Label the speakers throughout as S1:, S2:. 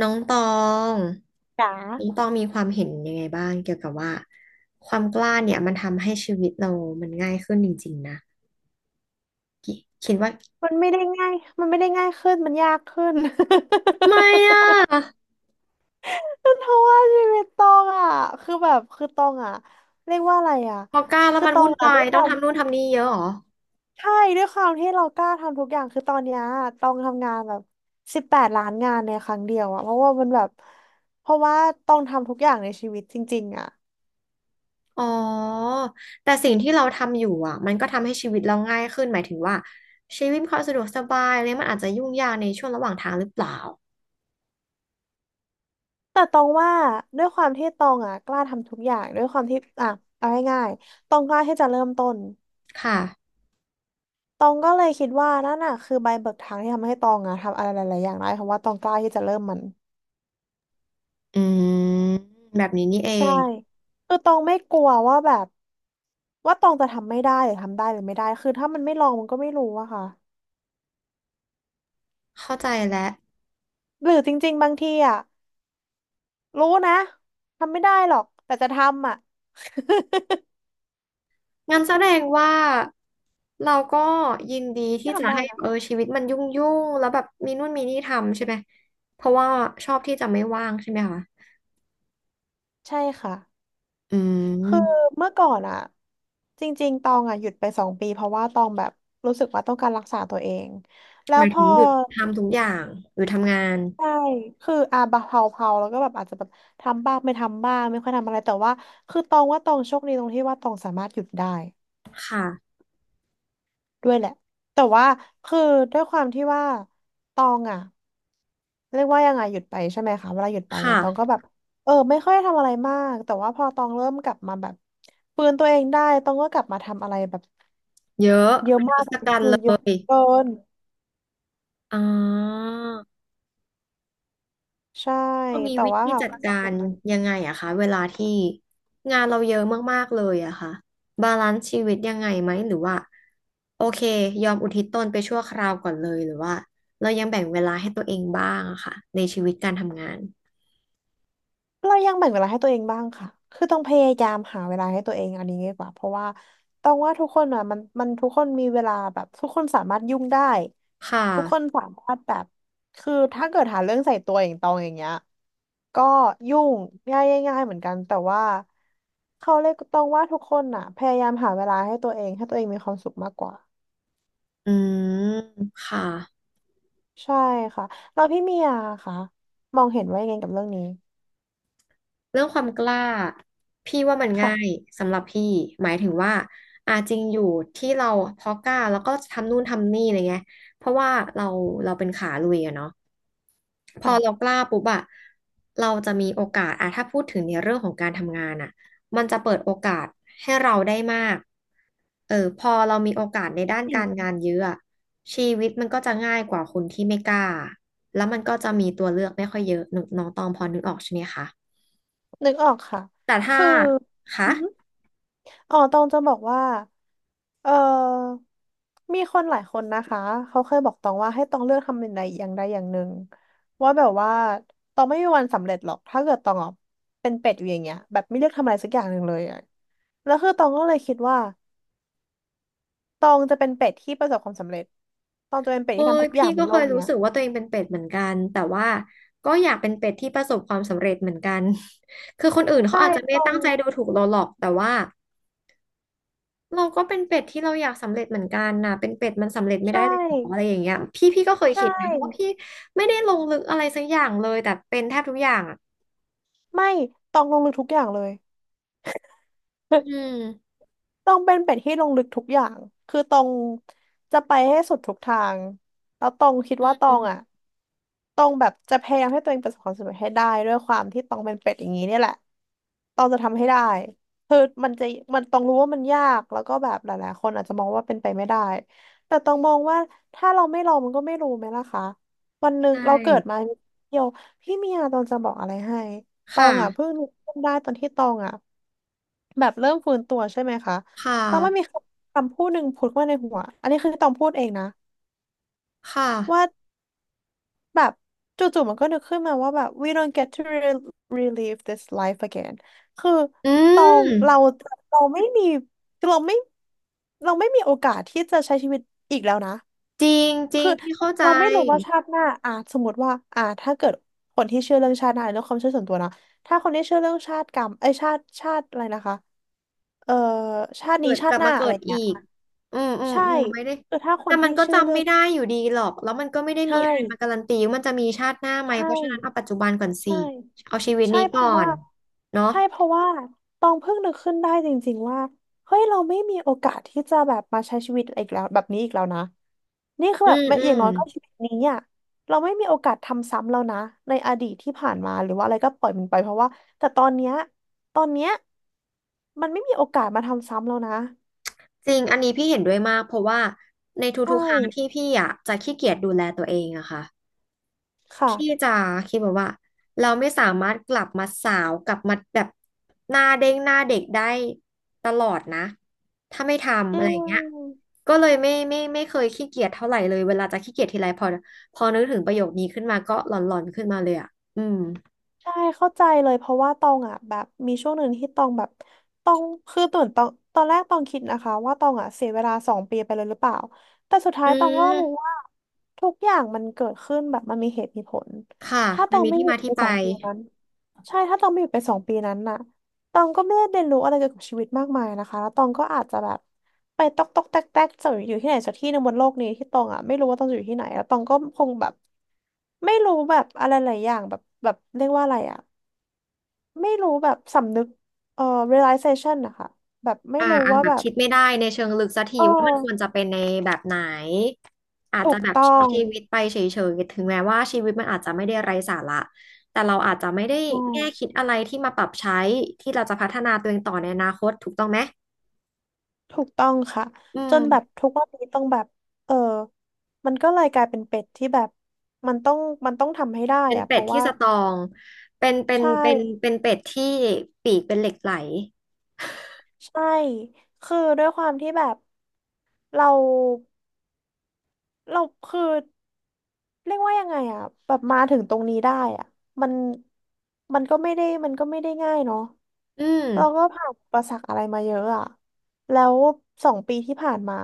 S1: น้องตอง
S2: จ๋า
S1: น้องตองมีความเห็นยังไงบ้างเกี่ยวกับว่าความกล้าเนี่ยมันทำให้ชีวิตเรามันง่ายขึ้นจริงๆนะคิคิดว่า
S2: มันไม่ได้ง่ายมันไม่ได้ง่ายขึ้น มันยากขึ้น
S1: ทำไมอ่ะ
S2: เพราะว่าชีวิตตองอ่ะคือแบบคือตองอ่ะเรียกว่าอะไรอ่ะ
S1: พอกล้าแล้ว
S2: คือ
S1: มัน
S2: ตอ
S1: วุ่
S2: ง
S1: น
S2: อ่ะ
S1: วา
S2: ด้ว
S1: ย
S2: ยค
S1: ต้อง
S2: วาม
S1: ทำนู่นทำนี่เยอะเหรอ
S2: ใช่ด้วยความที่เรากล้าทำทุกอย่างคือตอนเนี้ยตองทำงานแบบ18 ล้านงานในครั้งเดียวอ่ะเพราะว่ามันแบบเพราะว่าตองทำทุกอย่างในชีวิตจริงๆอ่ะ
S1: อ๋อแต่สิ่งที่เราทำอยู่มันก็ทำให้ชีวิตเราง่ายขึ้นหมายถึงว่าชีวิตเขาสะดวกสบายเลยมันอาจจะยุ่งยากในช่วงระหว่างทางหรือเปล่า
S2: แต่ตองว่าด้วยความที่ตองอ่ะกล้าทำทุกอย่างด้วยความที่อ่ะเอาง่ายๆตองกล้าที่จะเริ่มต้น
S1: ค่ะ
S2: ตองก็เลยคิดว่านั่นน่ะคือใบเบิกทางที่ทำให้ตองอะทำอะไรหลายๆอย่างได้เพราะว่าตองกล้าที่จะเริ่มมัน
S1: อืมแบบนี้นี่เอ
S2: ใช่
S1: ง
S2: คือตองไม่กลัวว่าแบบว่าตองจะทำไม่ได้หรือทำได้หรือไม่ได้คือถ้ามันไม่ลองมันก็ไม่รู้อะค่ะ
S1: เข้าใจแล้ว
S2: หรือจริงๆบางทีอะรู้นะทำไม่ได้หรอกแต่จะทำอะ
S1: งั้นแสดงว่าเราก็ยินดีที่
S2: ก็
S1: จะ
S2: ทำได้
S1: ให้
S2: นะ
S1: ชีวิตมันยุ่งแล้วแบบมีนู่นมีนี่ทำใช่ไหมเพราะว่าชอบที่จะไม่ว่างใช่ไหมคะ
S2: ใช่ค่ะ
S1: อื
S2: คือ
S1: ม
S2: เมื่อก่อนอะจริงๆตองอะหยุดไป2 ปีเพราะว่าตองแบบรู้สึกว่าต้องการรักษาตัวเองแล้
S1: ห
S2: ว
S1: มาย
S2: พ
S1: ถึง
S2: อ
S1: หยุดทำทุกอย่างหรือทำงาน
S2: ใช่คืออาบะเผาๆแล้วก็แบบอาจจะแบบทำบ้างไม่ทำบ้างไม่ค่อยทำอะไรแต่ว่าคือตองว่าตองโชคดีตรงที่ว่าตองสามารถหยุดได้
S1: ค่ะ
S2: ด้วยแหละแต่ว่าคือด้วยความที่ว่าตองอ่ะเรียกว่ายังไงหยุดไปใช่ไหมคะเวลาหยุดไป
S1: ค่ะ
S2: อ่ะตองก็แบบเออไม่ค่อยทำอะไรมากแต่ว่าพอตองเริ่มกลับมาแบบฟื้นตัวเองได้ตองก็กลับมาทำอะไรแบบ
S1: เยอะ
S2: เยอะ
S1: เป็นท
S2: มาก
S1: ศกัณฐ์
S2: คือ
S1: เล
S2: เยอะ
S1: ย
S2: เกิน
S1: อ๋อ
S2: ใช่
S1: เรามี
S2: แต่
S1: วิ
S2: ว่า
S1: ธี
S2: ถาม
S1: จัด
S2: ว่าส
S1: กา
S2: นุ
S1: ร
S2: กไหม
S1: ยังไงคะเวลาที่งานเราเยอะมากๆเลยค่ะบาลานซ์ชีวิตยังไงไหมหรือว่าโอเคยอมอุทิศตนไปชั่วคราวก่อนเลยหรือว่าเรายังแบ่งเวลาให้ตัวเองบ้างค่ะในชีวิตการทำงาน
S2: เรายังแบ่งเวลาให้ตัวเองบ้างค่ะ คือต้องพยายามหาเวลาให้ตัวเองอันนี้ดีกว่าเพราะว่าต้องว่าทุกคนอ่ะมันทุกคนมีเวลาแบบทุกคนสามารถยุ่งได้
S1: ค่ะ
S2: ทุกคนสามารถแบบคือถ้าเกิดหาเรื่องใส่ตัวอย่างตองอย่างเงี้ยก็ยุ่งง่ายง่ายๆเหมือนกันแต่ว่าเขาเลยกต้องว่าทุกคนอ่ะพยายามหาเวลาให้ตัวเองให้ตัวเองมีความสุขมากกว่า
S1: อืมค่ะ
S2: ใช่ค่ะเราพี่เมียค่ะมองเห็นว่ายังไงกับเรื่องนี้
S1: เรื่องความกล้าพี่ว่ามัน
S2: ค่ะ
S1: ง่ายสำหรับพี่หมายถึงว่าอาจริงอยู่ที่เราพอกล้าแล้วก็ทำนู่นทำนี่อะไรเงี้ยเพราะว่าเราเราเป็นขาลุยเนาะ พอเรา
S2: ค่ะ
S1: กล้าปุ๊บเราจะมีโอกาสถ้าพูดถึงในเรื่องของการทำงานมันจะเปิดโอกาสให้เราได้มากเออพอเรามีโอกาสในด้าน
S2: จริง
S1: การงานเยอะชีวิตมันก็จะง่ายกว่าคนที่ไม่กล้าแล้วมันก็จะมีตัวเลือกไม่ค่อยเยอะนึกน้องตองพอนึกออกใช่ไหมคะ
S2: นึกออกค่ะ
S1: แต่ถ้า
S2: คือ
S1: คะ
S2: อือหืออ๋อตองจะบอกว่า เออมีคนหลายคนนะคะ เขาเคยบอกตองว่าให้ตองเลือกทำอย่างใดอย่างใดอย่างหนึ่งว่าแบบว่าตองไม่มีวันสำเร็จหรอกถ้าเกิดตองอ่ะเป็นเป็ดอยู่อย่างเงี้ยแบบไม่เลือกทำอะไรสักอย่างหนึ่งเลยอะแล้วคือตองก็เลยคิดว่าตองจะเป็นเป็ดที่ประสบความสำเร็จตองจะเป็นเป็ด
S1: เอ้
S2: ที่ทำ
S1: ย
S2: ทุกอย่า
S1: พี่
S2: งบ
S1: ก็
S2: นโล
S1: เคย
S2: ก
S1: รู้
S2: เนี้ย
S1: สึกว่าตัวเองเป็นเป็ดเหมือนกันแต่ว่าก็อยากเป็นเป็ดที่ประสบความสำเร็จเหมือนกัน คือคนอื่นเขา
S2: ใช่
S1: อาจจะไม่
S2: ต
S1: ได้
S2: อง
S1: ตั้งใจดูถูกเราหรอกแต่ว่า เราก็เป็นเป็ดที่เราอยากสำเร็จเหมือนกันนะเป็นเป็ดมันสำเร็จไม่
S2: ใช่
S1: ได้เลยหรออะไรอย่างเงี้ยพี่ก็เคย
S2: ใช่
S1: คิดนะเพราะว่าพี่ไม่ได้ลงลึกอะไรสักอย่างเลยแต่เป็นแทบทุกอย่าง
S2: ไม่ตองลงลึกทุกอย่างเลย
S1: อื ม
S2: ต้องเป็นเป็ดที่ลงลึกทุกอย่างคือตองจะไปให้สุดทุกทาง แล้วตองคิดว่าตอ
S1: อื
S2: งอ่ะ
S1: ม
S2: ตองแบบจะพยายามให้ตัวเองประสบความสำเร็จให้ได้ด้วยความที่ตองเป็นเป็ดอย่างนี้เนี่ยแหละตองจะทำให้ได้คือมันจะมันตองรู้ว่ามันยากแล้วก็แบบหลายๆคนอาจจะมองว่าเป็นไปไม่ได้แต่ตองมองว่าถ้าเราไม่ลองมันก็ไม่รู้ไหมล่ะคะวันหนึ่ง
S1: ใช่
S2: เราเกิดมาเดียวพี่เมียตองจะบอกอะไรให้ตอ
S1: ค่ะ
S2: งอ่ะเพิ่งนึกขึ้นได้ตอนที่ตองอ่ะ แบบเริ่มฟื้นตัวใช่ไหมคะ
S1: ค่ะ
S2: แล้วมันมีคำคำพูดหนึ่งพูดมาในหัว อันนี้คือตองพูดเองนะ
S1: ค่ะ
S2: ว่าแบบจู่ๆมันก็นึกขึ้นมาว่าแบบ we don't get to relive this life again คือ
S1: อื
S2: ตอง
S1: ม
S2: เราเราไม่มีเราไม่เราไม่มีโอกาสที่จะใช้ชีวิตอีกแล้วนะ
S1: จริงจริง
S2: คือ
S1: พี่เข้าใจ
S2: เราไม่รู้ว่าชาติหน้าอ่ะสมมติว่าอ่ะถ้าเกิดคนที่เชื่อเรื่องชาติหน้าเรื่องความเชื่อส่วนตัวนะถ้าคนที่เชื่อเรื่องชาติกรรมไอยชาติอะไรนะคะเอ่อชาติ
S1: เกิ
S2: นี้
S1: ด
S2: ชา
S1: กลั
S2: ติ
S1: บ
S2: หน้า
S1: มาเกิ
S2: อะไร
S1: ดอี
S2: เงี้ย
S1: กอืมอืม
S2: ใช่
S1: อืมไม่ได้
S2: คือถ้าค
S1: แต่
S2: น
S1: มัน
S2: ที่
S1: ก็
S2: ชื่อ
S1: จำ
S2: เรื่อ
S1: ไม่
S2: ง
S1: ได้อยู่ดีหรอกแล้วมันก็ไม่ได้
S2: ใช่
S1: มีอะไรมาการันตีว่ามันจะมีชาติหน้าไหม
S2: ใช่
S1: เพราะฉะนั้นเอาปัจจุบันก่อนสิ
S2: ใช่
S1: เอาชีวิต
S2: ใช่
S1: นี้
S2: เพ
S1: ก่อ
S2: ราะว่า
S1: นเนาะ
S2: ใช่เพราะว่าตองเพิ่งนึกขึ้นได้จริงๆว่าเฮ้ยเราไม่มีโอกาสที่จะแบบมาใช้ชีวิตอีกแล้วแบบนี้อีกแล้วนะนี่คือ
S1: อื
S2: แบบ
S1: ม
S2: ไม่
S1: อื
S2: อย่าง
S1: ม
S2: น้อยก็ชีวิตนี้อ่ะเราไม่มีโอกาสทำซ้ำแล้วนะในอดีตที่ผ่านมาหรือว่าอะไรก็ปล่อยมันไปเพราะว่าแต่ตอนเนี้ยตอนเนี้ยมันไม่มีโอกาสมาทำซ้ำแล้วนะ
S1: จริงอันนี้พี่เห็นด้วยมากเพราะว่าใน
S2: ใช่
S1: ทุกๆครั้งที่พี่จะขี้เกียจดูแลตัวเองค่ะ
S2: ค่ะ
S1: พี่จะคิดแบบว่าเราไม่สามารถกลับมาสาวกลับมาแบบหน้าเด้งหน้าเด็กได้ตลอดนะถ้าไม่ทำ
S2: อื
S1: อะไรอย่างเงี้ย
S2: ม
S1: ก็เลยไม่เคยขี้เกียจเท่าไหร่เลยเวลาจะขี้เกียจทีไรพอนึกถึงประโยคนี้ขึ้นมาก็หลอนๆขึ้นมาเลยอืม
S2: ใช่เข้าใจเลยเพราะว่าตองอ่ะแบบมีช่วงหนึ่งที่ตองแบบตองคือตื่นตองตอนแรกตองคิดนะคะว่าตองอ่ะเสียเวลาสองปีไปเลยหรือเปล่าแต่สุดท้า
S1: อื
S2: ยตองก็รู้
S1: ม
S2: ว่าทุกอย่างมันเกิดขึ้นแบบมันมีเหตุมีผล
S1: ค่ะ
S2: ถ้าต
S1: มัน
S2: อง
S1: มี
S2: ไม่
S1: ที่
S2: หยุ
S1: มา
S2: ดไป
S1: ที่ไป
S2: สองปีนั้นใช่ถ้าตองไม่หยุดไปสองปีนั้นน่ะ ตองก็ไม่ได้เรียนรู้อะไรเกี่ยวกับชีวิตมากมายนะคะแล้วตองก็อาจจะแบบไปตอกตอกแตกแตกจะอยู่ที่ไหนสักที่หนึ่งบนโลกนี้ที่ตองอ่ะไม่รู้ว่าตองจะอยู่ที่ไหนแล้วตองก็คงแบบไม่รู้แบบอะไรหลายอย่างแบบเรียกว่าอะไรอ่ะไม่รู้แบบสำนึกเอ่อ realization นะคะแบบไม่
S1: อ่า
S2: รู้
S1: อ่ะ
S2: ว่า
S1: แบบ
S2: แบบ
S1: คิดไม่ได้ในเชิงลึกสักที
S2: เอ
S1: ว่ามันควร
S2: อ
S1: จะเป็นในแบบไหนอาจ
S2: ถู
S1: จะ
S2: ก
S1: แบบ
S2: ต้อ
S1: ใช้
S2: ง
S1: ชีวิตไปเฉยๆถึงแม้ว่าชีวิตมันอาจจะไม่ได้ไร้สาระแต่เราอาจจะไม่ได้
S2: ใช่
S1: แง่คิดอะไรที่มาปรับใช้ที่เราจะพัฒนาตัวเองต่อในอนาคตถูกต้องไหม
S2: ถูกต้องค่ะ
S1: อื
S2: จ
S1: ม
S2: นแบบทุกวันนี้ต้องแบบเออมันก็เลยกลายเป็นเป็ดที่แบบมันต้องมันต้องทำให้ได้
S1: เป็น
S2: อะเพ
S1: เป็ด
S2: ราะ
S1: ที่
S2: ว่า
S1: สตรองเป็นเป็น
S2: ใช่
S1: เป็นเป็นเป็ดที่ปีกเป็นเหล็กไหล
S2: ใช่ คือด้วยความที่แบบเราเราคือเรียกว่ายังไงอะแบบมาถึงตรงนี้ได้อะมันมันก็ไม่ได้ง่ายเนาะ
S1: อืม
S2: เราก็ผ่านอุประสักอะไรมาเยอะอะแล้วสองปีที่ผ่านมา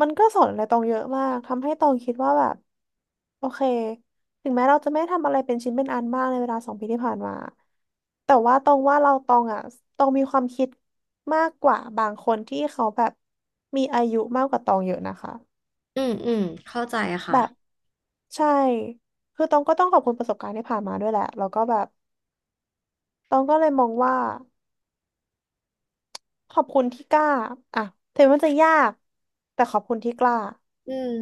S2: มันก็สอนอะไรตองเยอะมากทำให้ตองคิดว่าแบบโอเคถึงแม้เราจะไม่ทำอะไรเป็นชิ้นเป็นอันมากในเวลาสองปีที่ผ่านมาแต่ว่าตองว่าเราตองอ่ะตองมีความคิดมากกว่าบางคนที่เขาแบบมีอายุมากกว่าตองเยอะนะคะ
S1: อืมอืมเข้าใจค่ะ
S2: แบบใช่ คือตองก็ต้องขอบคุณประสบการณ์ที่ผ่านมาด้วยแหละแล้วก็แบบตองก็เลยมองว่า ขอบคุณที่กล้าอ่ะถึงมันจะยากแต่ขอบคุณที่กล้า
S1: อืม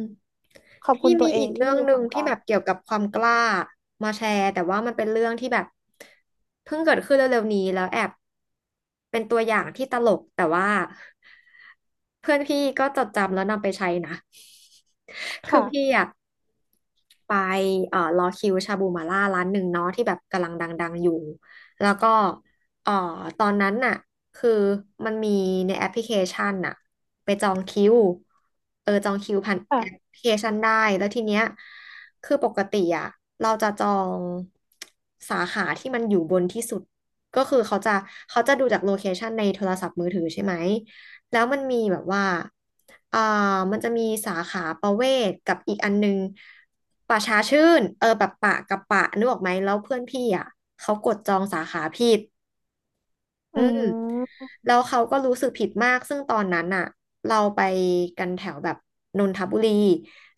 S2: ขอบคุ
S1: พี่
S2: ณตั
S1: มี
S2: วเอ
S1: อี
S2: ง
S1: กเรื่
S2: ที่
S1: อง
S2: มี
S1: ห
S2: ค
S1: นึ่
S2: วา
S1: ง
S2: มก
S1: ที่
S2: ล้า
S1: แบบเกี่ยวกับความกล้ามาแชร์แต่ว่ามันเป็นเรื่องที่แบบเพิ่งเกิดขึ้นเร็วๆนี้แล้วแอบเป็นตัวอย่างที่ตลกแต่ว่าเพื่อนพี่ก็จดจำแล้วนำไปใช้นะคือ
S2: ค่ะ
S1: พี่อะไปรอคิวชาบูมาล่าร้านหนึ่งเนาะที่แบบกำลังดังๆอยู่แล้วก็เอ่อตอนนั้นน่ะ คือมันมีในแอปพลิเคชันน่ะไปจองคิวเออจองคิวผ่านแอปพ
S2: ค่ะ
S1: ลิเคชันได้แล้วทีเนี้ยคือปกติเราจะจองสาขาที่มันอยู่บนที่สุดก็คือเขาจะดูจากโลเคชันในโทรศัพท์มือถือใช่ไหมแล้วมันมีแบบว่าอ่ามันจะมีสาขาประเวศกับอีกอันนึงป่าช้าชื่นเออแบบปะกับปะนึกออกไหมแล้วเพื่อนพี่เขากดจองสาขาผิดอื
S2: อื
S1: ม
S2: ม
S1: แล้วเขาก็รู้สึกผิดมาก ซึ่งตอนนั้นเราไปกันแถวแบบนนทบุรี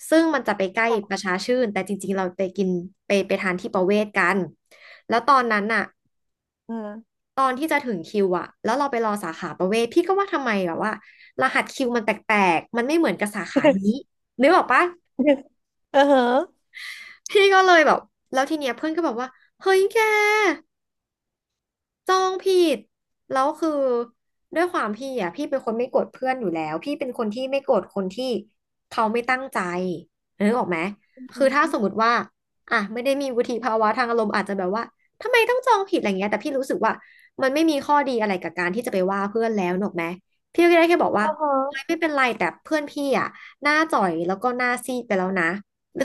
S1: ซึ่งมันจะไปใกล้
S2: ค่ะ
S1: ประชาชื่น แต่จริงๆเราไปกินไปทานที่ประเวศกันแล้วตอนนั้นอ่ะ
S2: อ่า
S1: ตอนที่จะถึงคิวอ่ะแล้วเราไปรอสาขาประเวศพี่ก็ว่าทำไมแบบว่ารหัสคิวมันแปลกๆมันไม่เหมือนกับสาขานี้นึกออกปะ
S2: เออเหรอ
S1: พี่ก็เลยแบบแล้วทีเนี้ยเพื่อนก็บอกว่าเฮ้ยแก จองผิดแล้วคือด้วยความพี่อ่ะพี่เป็นคนไม่โกรธเพื่อนอยู่แล้วพี่เป็นคนที่ไม่โกรธคนที่เขาไม่ตั้งใจนึกออกไหม
S2: อื
S1: คือถ้าสมม
S2: ม
S1: ติว่าอ่ะไม่ได้มีวุฒิภาวะทางอารมณ์อาจจะแบบว่าทำไมต้องจองผิดอะไรเงี้ยแต่พี่รู้สึกว่ามันไม่มีข้อดีอะไรกับการที่จะไปว่าเพื่อนแล้วนึกออกไหมพี่ก็ได้แค่บอก
S2: เอ
S1: ว่า
S2: อเหรอ
S1: เฮ้ยไม่เป็นไรแต่เพื่อนพี่อ่ะหน้าจ่อยแล้วก็หน้าซีดไปแล้วนะ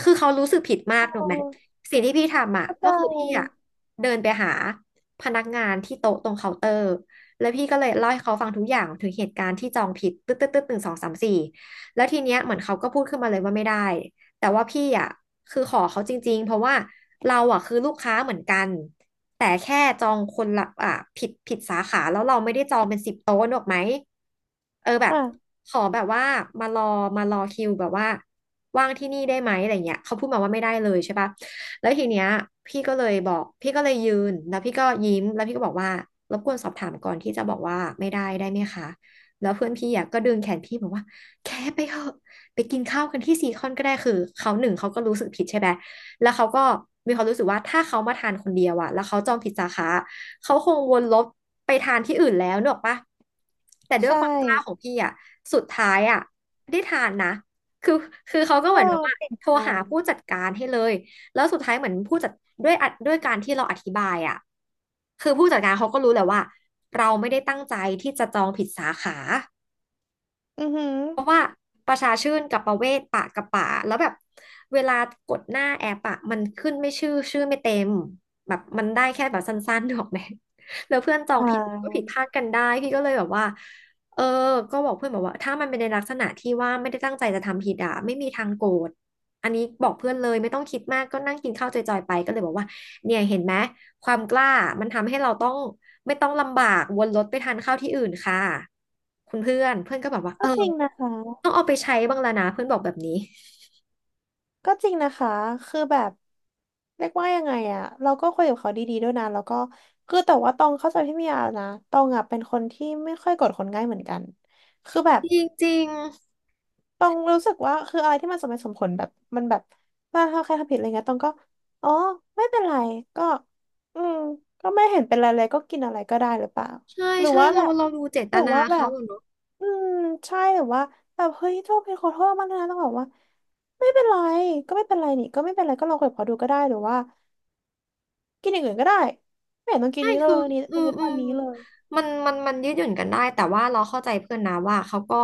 S1: คือเขารู้สึกผิดมา
S2: โอ
S1: กนึกออกไหม
S2: ้
S1: สิ่งที่พี่ทำอ่ะ
S2: เข้าใ
S1: ก็คือพี่อ่ะ
S2: จ
S1: เดินไปหา พนักงานที่โต๊ะตรงเคาน์เตอร์แล้วพี่ก็เลยเล่าให้เขาฟังทุกอย่างถึงเหตุการณ์ที่จองผิดตึ๊ดตึ๊ดตึ๊ดหนึ่งสองสามสี่แล้วทีเนี้ยเหมือนเขาก็พูดขึ้นมาเลยว่าไม่ได้แต่ว่าพี่อ่ะคือขอเขาจริงๆเพราะว่าเราอ่ะคือลูกค้าเหมือนกันแต่แค่จองคนละอ่ะผิดสาขาแล้วเราไม่ได้จองเป็นสิบโต๊ะหรอกไหมเออแบบ
S2: อ่ะ
S1: ขอแบบว่ามารอมารอคิวแบบว่าว่างที่นี่ได้ไหมอะไรเงี้ยเขาพูดมาว่าไม่ได้เลยใช่ปะ แล้วทีเนี้ยพี่ก็เลยบอกพี่ก็เลยยืนแล้วพี่ก็ยิ้มแล้วพี่ก็บอกว่ารบกวนสอบถามก่อนที่จะบอกว่าไม่ได้ได้ไหมคะแล้วเพื่อนพี่อะก็ดึงแขนพี่บอกว่าแค่ไปเถอะไปกินข้าวกันที่ซีคอนก็ได้คือเขาหนึ่งเขาก็รู้สึกผิดใช่ไหมแล้วเขาก็มีความรู้สึกว่าถ้าเขามาทานคนเดียวอะแล้วเขาจองผิดสาขาเขาคงวนรถไปทานที่อื่นแล้วเนกออกปะแต่ด้วย
S2: ใช่
S1: ความกล้าของพี่อะสุดท้ายอะได้ทานนะคือคือเขาก็
S2: โอ้
S1: เหมือนแบบว่า
S2: เก่ง
S1: โทร
S2: จั
S1: หา
S2: ง
S1: ผู้จัดการให้เลย แล้วสุดท้ายเหมือนผู้จัดด้วยอัดด้วยการที่เราอธิบายอ่ะคือผู้จัดการเขาก็รู้แหละว่าเราไม่ได้ตั้งใจที่จะจองผิดสาขา
S2: อือหือ
S1: เพราะว่าประชาชื่นกับประเวศปะกับป่าแล้วแบบเวลากดหน้าแอปอะมันขึ้นไม่ชื่อชื่อไม่เต็มแบบมันได้แค่แบบสั้นๆ ถูกไหมแล้วเพื่อนจอง
S2: อ่
S1: ผิดก็ผิ
S2: า
S1: ดพลาดกันได้พี่ก็เลยแบบว่าเออก็บอกเพื่อนบอกว่าถ้ามันเป็นในลักษณะที่ว่าไม่ได้ตั้งใจจะทำผิดอะไม่มีทางโกรธอันนี้บอกเพื่อนเลยไม่ต้องคิดมากก็นั่งกินข้าวจอยๆไปก็เลยบอกว่าเนี่ยเห็นไหมความกล้ามันทำให้เราต้องไม่ต้องลำบากวนรถไปทานข้าวที่อื่นค่ะคุณเพื่อนเพื่อนก็แบบว่าเอ
S2: ก็
S1: อ
S2: จริงนะคะ
S1: ต้องเอาไปใช้บ้างแล้วนะเพื่อนบอกแบบนี้
S2: ก็จริงนะคะ คือแบบเรียกว่ายังไงอะเราก็คุยกับเขาดีๆด้วยนะแล้วก็คือแต่ว่าตองเข้าใจพี่เมียนะตองอะเป็นคนที่ไม่ค่อยโกรธคนง่ายเหมือนกันคือแบบ
S1: จริง
S2: ตองรู้สึกว่าคืออะไรที่มันสมเหตุสมผลแบบมันแบบว่าถ้าใครทำผิดอะไรเงี้ยตองก็อ๋อไม่เป็นไรก็อืมก็ไม่เห็นเป็นไรเลยก็กินอะไรก็ได้หรือเปล่า
S1: ๆใช่
S2: หรือ
S1: ใช่
S2: ว่า
S1: เรา
S2: แบบ
S1: เราดูเจต
S2: หรือ
S1: นา
S2: ว่าแบ
S1: เขา
S2: บ
S1: อะเนอะ
S2: อืมใช่หรือว่าแบบเฮ้ยโทษเป็นขอโทษมากนะต้องบอกว่าไม่เป็นไรก็ไม่เป็นไรนี่ก็ไม่เป็นไรก็ลองคุยกับเขาดูก็ได้หรือว่ากินอย่างอื่นก็ได้ไม่เห็นต้องกิน
S1: ใช่
S2: นี้เล
S1: คื
S2: ย
S1: ออื
S2: วัน
S1: ม
S2: นี้
S1: อื
S2: ตอน
S1: ม
S2: นี้เลย
S1: มันยืดหยุ่นกันได้แต่ว่าเราเข้าใจเพื่อนนะว่าเขาก็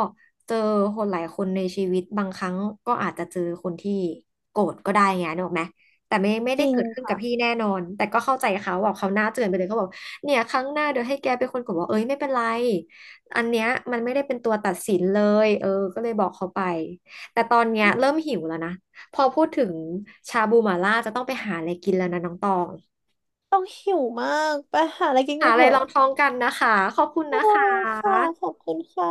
S1: เจอคนหลายคนในชีวิตบางครั้งก็อาจจะเจอคนที่โกรธก็ได้ไงนึกออกไหมแต่ไม่
S2: จ
S1: ได้
S2: ริง
S1: เกิดขึ้นกับพี่
S2: ค่ะ
S1: แน่นอนแต่ก็เข้าใจเขาบอกเขาวหน้าเตือนไปเลยเขาบอกเนี่ยครั้งหน้าเดี๋ยวให้แกเป็นคนกดบอกเอ้ยไม่เป็นไรอันเนี้ยมันไม่ได้เป็นตัวตัดสินเลยเออก็เลยบอกเขาไปแต่ตอนเนี้ย
S2: อืม
S1: เริ่มหิวแล้วนะพอพูดถึงชาบูหม่าล่าจะต้องไปหาอะไรกินแล้วนะน้องตอง
S2: ต้องหิวมากไปหาอะไรกิน
S1: หา
S2: กัน
S1: อะ
S2: เถ
S1: ไรล
S2: อะ
S1: องท้องกันนะคะ ขอบคุณ
S2: โอ้
S1: นะคะ
S2: ค่ะขอบคุณค่ะ